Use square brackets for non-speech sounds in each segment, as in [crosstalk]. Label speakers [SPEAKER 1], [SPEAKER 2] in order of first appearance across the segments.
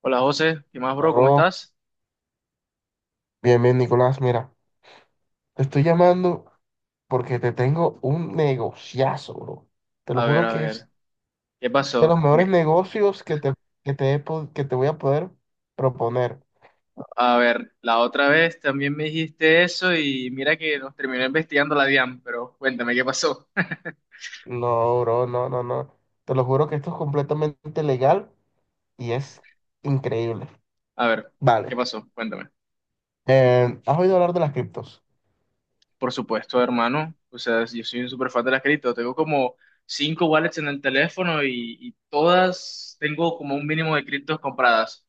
[SPEAKER 1] Hola José, ¿qué más, bro? ¿Cómo
[SPEAKER 2] Bro,
[SPEAKER 1] estás?
[SPEAKER 2] bien, bien, Nicolás. Mira, te estoy llamando porque te tengo un negociazo, bro. Te lo juro
[SPEAKER 1] A
[SPEAKER 2] que
[SPEAKER 1] ver,
[SPEAKER 2] es
[SPEAKER 1] ¿qué
[SPEAKER 2] de los
[SPEAKER 1] pasó?
[SPEAKER 2] mejores negocios que te voy a poder proponer.
[SPEAKER 1] A ver, la otra vez también me dijiste eso y mira que nos terminó investigando la DIAN, pero cuéntame, ¿qué pasó? [laughs]
[SPEAKER 2] No, bro, no, no, no. Te lo juro que esto es completamente legal y es increíble.
[SPEAKER 1] A ver, ¿qué
[SPEAKER 2] Vale.
[SPEAKER 1] pasó? Cuéntame.
[SPEAKER 2] ¿Has oído hablar de las criptos?
[SPEAKER 1] Por supuesto, hermano, o sea, yo soy un super fan de las cripto, tengo como cinco wallets en el teléfono y todas tengo como un mínimo de criptos compradas.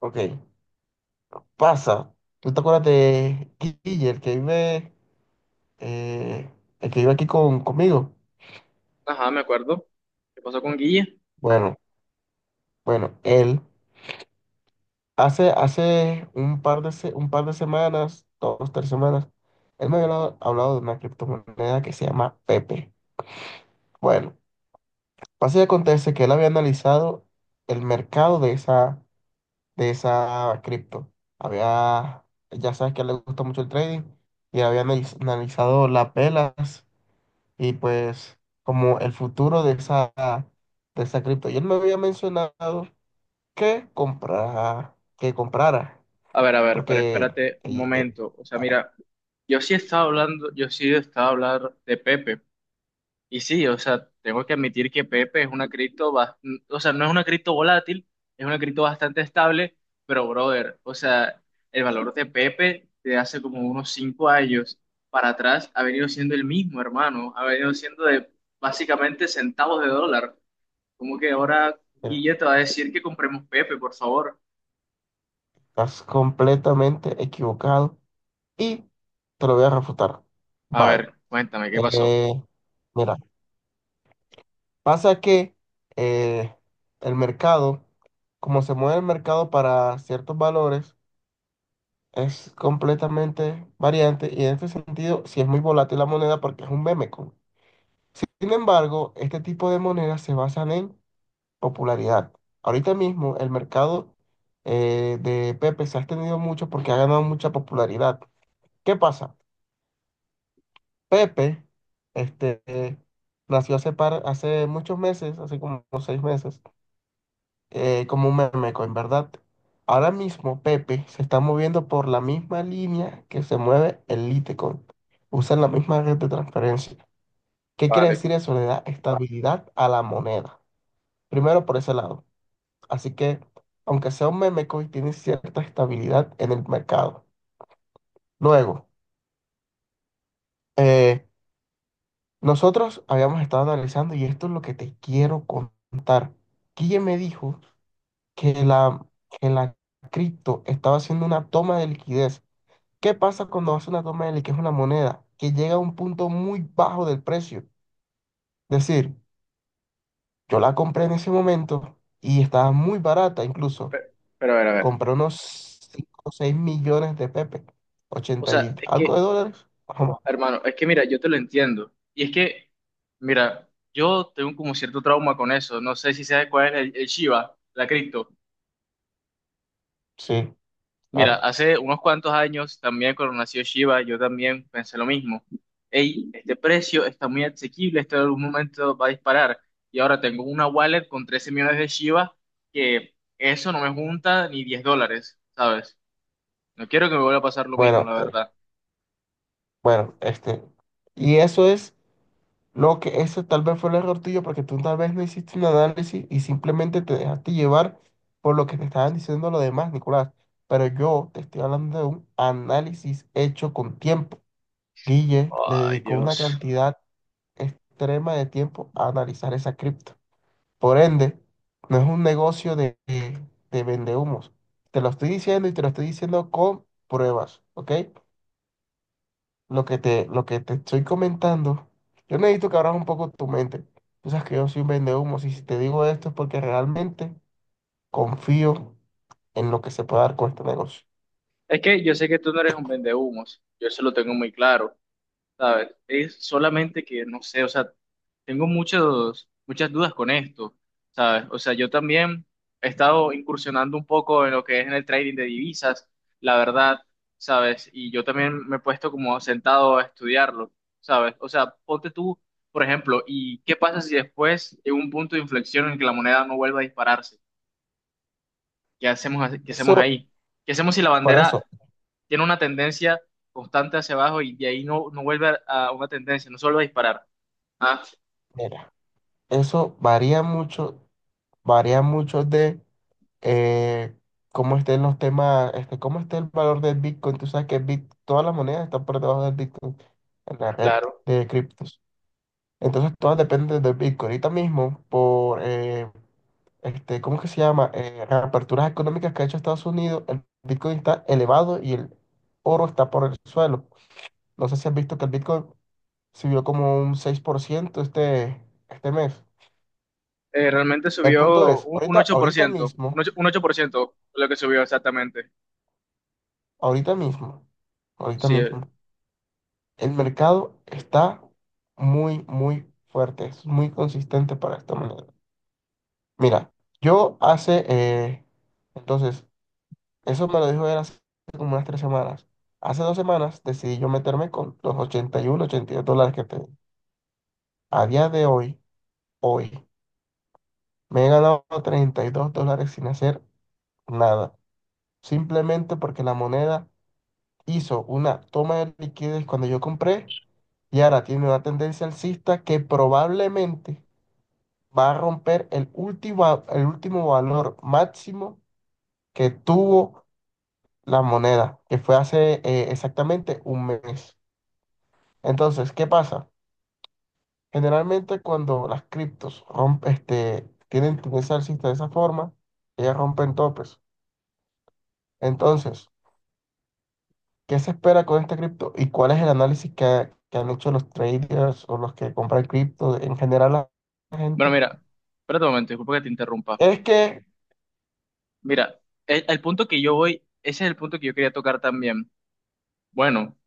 [SPEAKER 2] Ok, pasa. ¿Tú te acuerdas de Guille, eh, el que vive aquí conmigo?
[SPEAKER 1] Ajá, me acuerdo. ¿Qué pasó con Guille?
[SPEAKER 2] Bueno, bueno, él. Hace un un par de semanas, dos, tres semanas, él me había hablado de una criptomoneda que se llama Pepe. Bueno, pasa y acontece que él había analizado el mercado de esa cripto. Había, ya sabes que a él le gusta mucho el trading y había analizado las velas y pues como el futuro de esa cripto. Y él me había mencionado que comprara.
[SPEAKER 1] A ver, pero
[SPEAKER 2] Porque
[SPEAKER 1] espérate un momento. O sea, mira, yo sí estaba hablando de Pepe. Y sí, o sea, tengo que admitir que Pepe es una cripto, o sea, no es una cripto volátil, es una cripto bastante estable, pero brother, o sea, el valor de Pepe de hace como unos cinco años para atrás ha venido siendo el mismo, hermano. Ha venido siendo de básicamente centavos de dólar. Como que ahora
[SPEAKER 2] eh,
[SPEAKER 1] Guille te va a decir que compremos Pepe, por favor.
[SPEAKER 2] estás completamente equivocado y te lo voy a refutar.
[SPEAKER 1] A
[SPEAKER 2] Vale.
[SPEAKER 1] ver, cuéntame, ¿qué pasó?
[SPEAKER 2] Eh, Mira, pasa que eh, el mercado, como se mueve el mercado para ciertos valores, es completamente variante y en este sentido sí es muy volátil la moneda porque es un meme coin. Sin embargo, este tipo de monedas se basan en popularidad. Ahorita mismo el mercado de Pepe se ha extendido mucho porque ha ganado mucha popularidad. ¿Qué pasa? Pepe este, nació hace, hace muchos meses, así como unos 6 meses, como un meme, en verdad. Ahora mismo Pepe se está moviendo por la misma línea que se mueve el Litecoin. Usan la misma red de transferencia. ¿Qué quiere
[SPEAKER 1] Vale.
[SPEAKER 2] decir eso? Le da estabilidad a la moneda. Primero por ese lado. Así que, aunque sea un meme coin, tiene cierta estabilidad en el mercado. Luego, eh, nosotros habíamos estado analizando, y esto es lo que te quiero contar. Guille me dijo que la, que la cripto estaba haciendo una toma de liquidez. ¿Qué pasa cuando hace una toma de liquidez una moneda? Que llega a un punto muy bajo del precio. Es decir, yo la compré en ese momento y estaba muy barata incluso.
[SPEAKER 1] Pero, pero a ver, a ver.
[SPEAKER 2] Compré unos 5 o 6 millones de Pepe,
[SPEAKER 1] O
[SPEAKER 2] 80
[SPEAKER 1] sea,
[SPEAKER 2] y
[SPEAKER 1] es
[SPEAKER 2] algo de
[SPEAKER 1] que,
[SPEAKER 2] dólares. Ajá,
[SPEAKER 1] hermano, es que mira, yo te lo entiendo. Y es que, mira, yo tengo como cierto trauma con eso. No sé si sabes cuál es el Shiba, la cripto.
[SPEAKER 2] sí,
[SPEAKER 1] Mira,
[SPEAKER 2] claro.
[SPEAKER 1] hace unos cuantos años también cuando nació Shiba, yo también pensé lo mismo. Ey, este precio está muy asequible, esto en algún momento va a disparar. Y ahora tengo una wallet con 13 millones de Shiba que eso no me junta ni 10 dólares, ¿sabes? No quiero que me vuelva a pasar lo mismo,
[SPEAKER 2] Bueno,
[SPEAKER 1] la verdad.
[SPEAKER 2] bueno, este, y eso es lo que, eso tal vez fue el error tuyo, porque tú tal vez no hiciste un análisis y simplemente te dejaste llevar por lo que te estaban diciendo los demás, Nicolás. Pero yo te estoy hablando de un análisis hecho con tiempo. Guille le
[SPEAKER 1] Ay,
[SPEAKER 2] dedicó una
[SPEAKER 1] Dios.
[SPEAKER 2] cantidad extrema de tiempo a analizar esa cripto. Por ende, no es un negocio de vendehumos. Te lo estoy diciendo y te lo estoy diciendo con pruebas, ¿ok? Lo que te estoy comentando, yo necesito que abras un poco tu mente. Tú sabes que yo soy un vendehumos y si te digo esto es porque realmente confío en lo que se puede dar con este negocio.
[SPEAKER 1] Es que yo sé que tú no eres un vendehumos, yo eso lo tengo muy claro, ¿sabes? Es solamente que, no sé, o sea, tengo muchas dudas con esto, ¿sabes? O sea, yo también he estado incursionando un poco en lo que es en el trading de divisas, la verdad, ¿sabes? Y yo también me he puesto como sentado a estudiarlo, ¿sabes? O sea, ponte tú, por ejemplo, ¿y qué pasa si después llega un punto de inflexión en que la moneda no vuelva a dispararse? Qué hacemos
[SPEAKER 2] Eso,
[SPEAKER 1] ahí? ¿Qué hacemos si la
[SPEAKER 2] por eso,
[SPEAKER 1] bandera tiene una tendencia constante hacia abajo y de ahí no vuelve a una tendencia, no solo a disparar? Ah,
[SPEAKER 2] mira, eso varía mucho de eh, cómo estén los temas, este, cómo esté el valor del Bitcoin. Tú sabes que Bit, todas las monedas están por debajo del Bitcoin en la red
[SPEAKER 1] claro.
[SPEAKER 2] de criptos. Entonces, todas dependen del Bitcoin. Ahorita mismo, este, ¿cómo que se llama? Reaperturas económicas que ha hecho Estados Unidos, el Bitcoin está elevado y el oro está por el suelo. No sé si has visto que el Bitcoin subió como un 6% este mes.
[SPEAKER 1] Realmente
[SPEAKER 2] El punto
[SPEAKER 1] subió
[SPEAKER 2] es,
[SPEAKER 1] un 8%, un ocho un ocho por ciento lo que subió exactamente.
[SPEAKER 2] ahorita mismo, ahorita
[SPEAKER 1] Sí.
[SPEAKER 2] mismo. El mercado está muy, muy fuerte, es muy consistente para esta moneda. Mira, yo hace, eh, entonces, eso me lo dijo él hace como unas 3 semanas. Hace 2 semanas decidí yo meterme con los ochenta y dos dólares que tengo. A día de hoy, hoy, me he ganado $32 sin hacer nada. Simplemente porque la moneda hizo una toma de liquidez cuando yo compré y ahora tiene una tendencia alcista que probablemente va a romper el último valor máximo que tuvo la moneda, que fue hace exactamente un mes. Entonces, ¿qué pasa? Generalmente cuando las criptos rompen, este, tienen tendencia alcista de esa forma, ellas rompen topes. Entonces, ¿qué se espera con esta cripto y cuál es el análisis que han hecho los traders o los que compran cripto en general la
[SPEAKER 1] Bueno,
[SPEAKER 2] gente?
[SPEAKER 1] mira, espérate un momento, disculpa que te interrumpa.
[SPEAKER 2] Es que
[SPEAKER 1] Mira, el punto que yo voy, ese es el punto que yo quería tocar también. Bueno,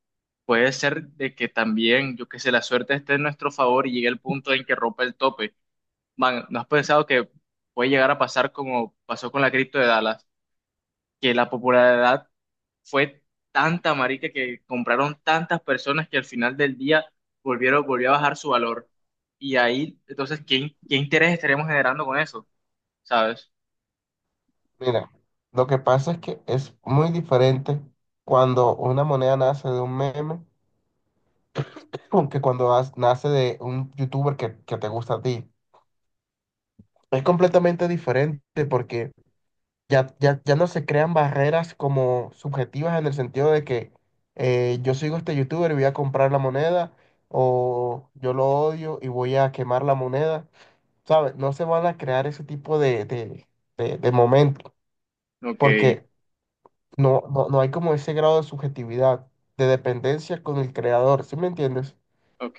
[SPEAKER 1] puede ser de que también, yo qué sé, la suerte esté en nuestro favor y llegue el punto en que rompa el tope. Man, ¿no has pensado que puede llegar a pasar como pasó con la cripto de Dallas, que la popularidad fue tanta, marica, que compraron tantas personas que al final del día volvió a bajar su valor? Y ahí, entonces, ¿qué interés estaremos generando con eso? ¿Sabes?
[SPEAKER 2] Mira, lo que pasa es que es muy diferente cuando una moneda nace de un meme con que cuando nace de un youtuber que te gusta a ti. Es completamente diferente porque ya, ya, ya no se crean barreras como subjetivas en el sentido de que yo sigo a este youtuber y voy a comprar la moneda o yo lo odio y voy a quemar la moneda. ¿Sabes? No se van a crear ese tipo de momentos
[SPEAKER 1] Ok,
[SPEAKER 2] porque no, no, no hay como ese grado de subjetividad, de dependencia con el creador, ¿sí me entiendes?
[SPEAKER 1] ok,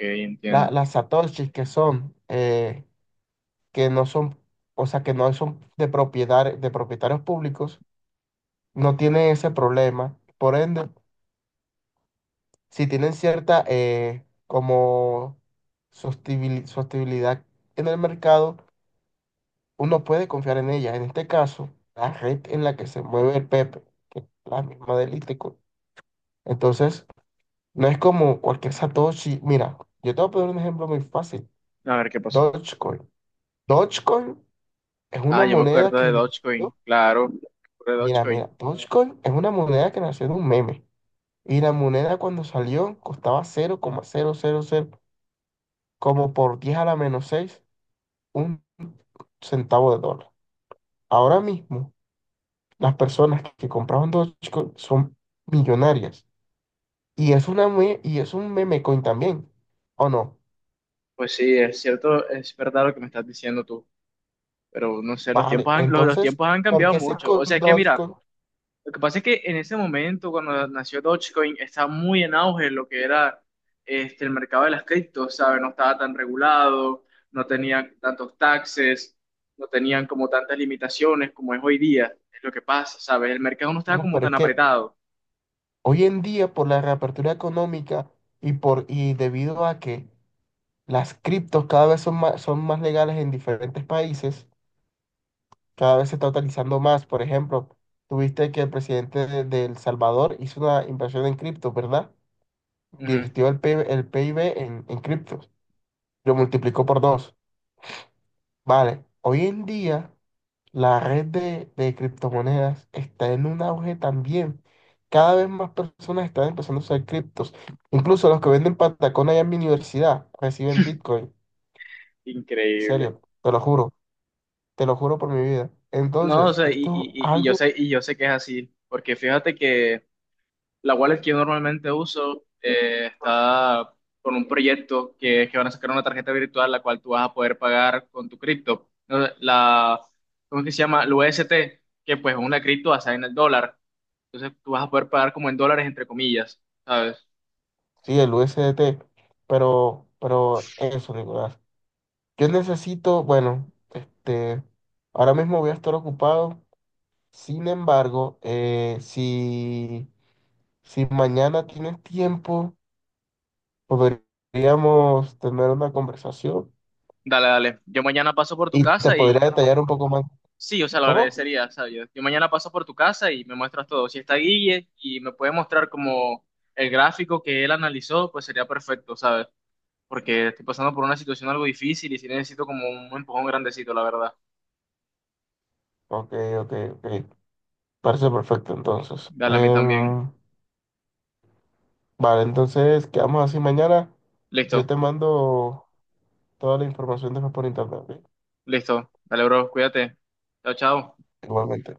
[SPEAKER 2] La-
[SPEAKER 1] entiendo.
[SPEAKER 2] las satoshis que no son, o sea, que no son de propietarios públicos, no tienen ese problema. Por ende, si tienen cierta como sostenibilidad en el mercado, uno puede confiar en ella. En este caso, la red en la que se mueve el Pepe, que es la misma del Itico. Entonces, no es como cualquier Satoshi. Mira, yo te voy a poner un ejemplo muy fácil.
[SPEAKER 1] A ver qué pasó.
[SPEAKER 2] Dogecoin. Dogecoin es
[SPEAKER 1] Ah,
[SPEAKER 2] una
[SPEAKER 1] yo me
[SPEAKER 2] moneda
[SPEAKER 1] acuerdo de
[SPEAKER 2] que
[SPEAKER 1] Dogecoin,
[SPEAKER 2] nació.
[SPEAKER 1] claro, me acuerdo de
[SPEAKER 2] Mira,
[SPEAKER 1] Dogecoin.
[SPEAKER 2] mira, Dogecoin es una moneda que nació de un meme. Y la moneda cuando salió costaba cero coma cero como por 10 a la menos 6 un centavo de dólar. Ahora mismo, las personas que compraban Dogecoin son millonarias. Y es y es un meme coin también. ¿O no?
[SPEAKER 1] Pues sí, es cierto, es verdad lo que me estás diciendo tú, pero no sé, los
[SPEAKER 2] Vale,
[SPEAKER 1] tiempos han, los, los
[SPEAKER 2] entonces,
[SPEAKER 1] tiempos han
[SPEAKER 2] ¿por
[SPEAKER 1] cambiado
[SPEAKER 2] qué sí
[SPEAKER 1] mucho.
[SPEAKER 2] con
[SPEAKER 1] O sea, es que mira,
[SPEAKER 2] Dogecoin?
[SPEAKER 1] lo que pasa es que en ese momento, cuando nació Dogecoin, estaba muy en auge lo que era este, el mercado de las criptos, ¿sabes? No estaba tan regulado, no tenía tantos taxes, no tenían como tantas limitaciones como es hoy día. Es lo que pasa, ¿sabes? El mercado no estaba
[SPEAKER 2] No,
[SPEAKER 1] como
[SPEAKER 2] pero es
[SPEAKER 1] tan
[SPEAKER 2] que
[SPEAKER 1] apretado.
[SPEAKER 2] hoy en día por la reapertura económica y debido a que las criptos cada vez son más legales en diferentes países, cada vez se está utilizando más. Por ejemplo, tuviste que el presidente de El Salvador hizo una inversión en cripto, ¿verdad?
[SPEAKER 1] Ujú.
[SPEAKER 2] Virtió el PIB en criptos, lo multiplicó por dos. Vale, hoy en día la red de criptomonedas está en un auge también. Cada vez más personas están empezando a usar criptos. Incluso los que venden patacón allá en mi universidad reciben Bitcoin. En
[SPEAKER 1] Increíble.
[SPEAKER 2] serio, te lo juro por mi vida.
[SPEAKER 1] No, o
[SPEAKER 2] Entonces,
[SPEAKER 1] sea, y,
[SPEAKER 2] esto es
[SPEAKER 1] y, y y yo
[SPEAKER 2] algo,
[SPEAKER 1] sé, y yo sé que es así, porque fíjate que la wallet que yo normalmente uso está con un proyecto que es que van a sacar una tarjeta virtual la cual tú vas a poder pagar con tu cripto. No, ¿cómo es que se llama? El UST, que pues es una cripto basada en el dólar. Entonces tú vas a poder pagar como en dólares, entre comillas, ¿sabes?
[SPEAKER 2] sí, el USDT, pero eso, Nicolás. Yo necesito, bueno, este, ahora mismo voy a estar ocupado. Sin embargo, si mañana tienes tiempo. Podríamos tener una conversación
[SPEAKER 1] Dale, dale. Yo mañana paso por tu
[SPEAKER 2] y te
[SPEAKER 1] casa
[SPEAKER 2] podría
[SPEAKER 1] y
[SPEAKER 2] detallar un poco más.
[SPEAKER 1] sí, o sea, lo
[SPEAKER 2] ¿Cómo?
[SPEAKER 1] agradecería, ¿sabes? Yo mañana paso por tu casa y me muestras todo. Si está Guille y me puede mostrar como el gráfico que él analizó, pues sería perfecto, ¿sabes? Porque estoy pasando por una situación algo difícil y sí necesito como un empujón grandecito, la verdad.
[SPEAKER 2] Ok, ok, ok. Parece perfecto entonces.
[SPEAKER 1] Dale a mí también.
[SPEAKER 2] Vale, entonces quedamos así mañana. Yo
[SPEAKER 1] Listo,
[SPEAKER 2] te mando toda la información después por internet, ¿ok?
[SPEAKER 1] listo. Dale, bro, cuídate. Chao, chao.
[SPEAKER 2] Igualmente.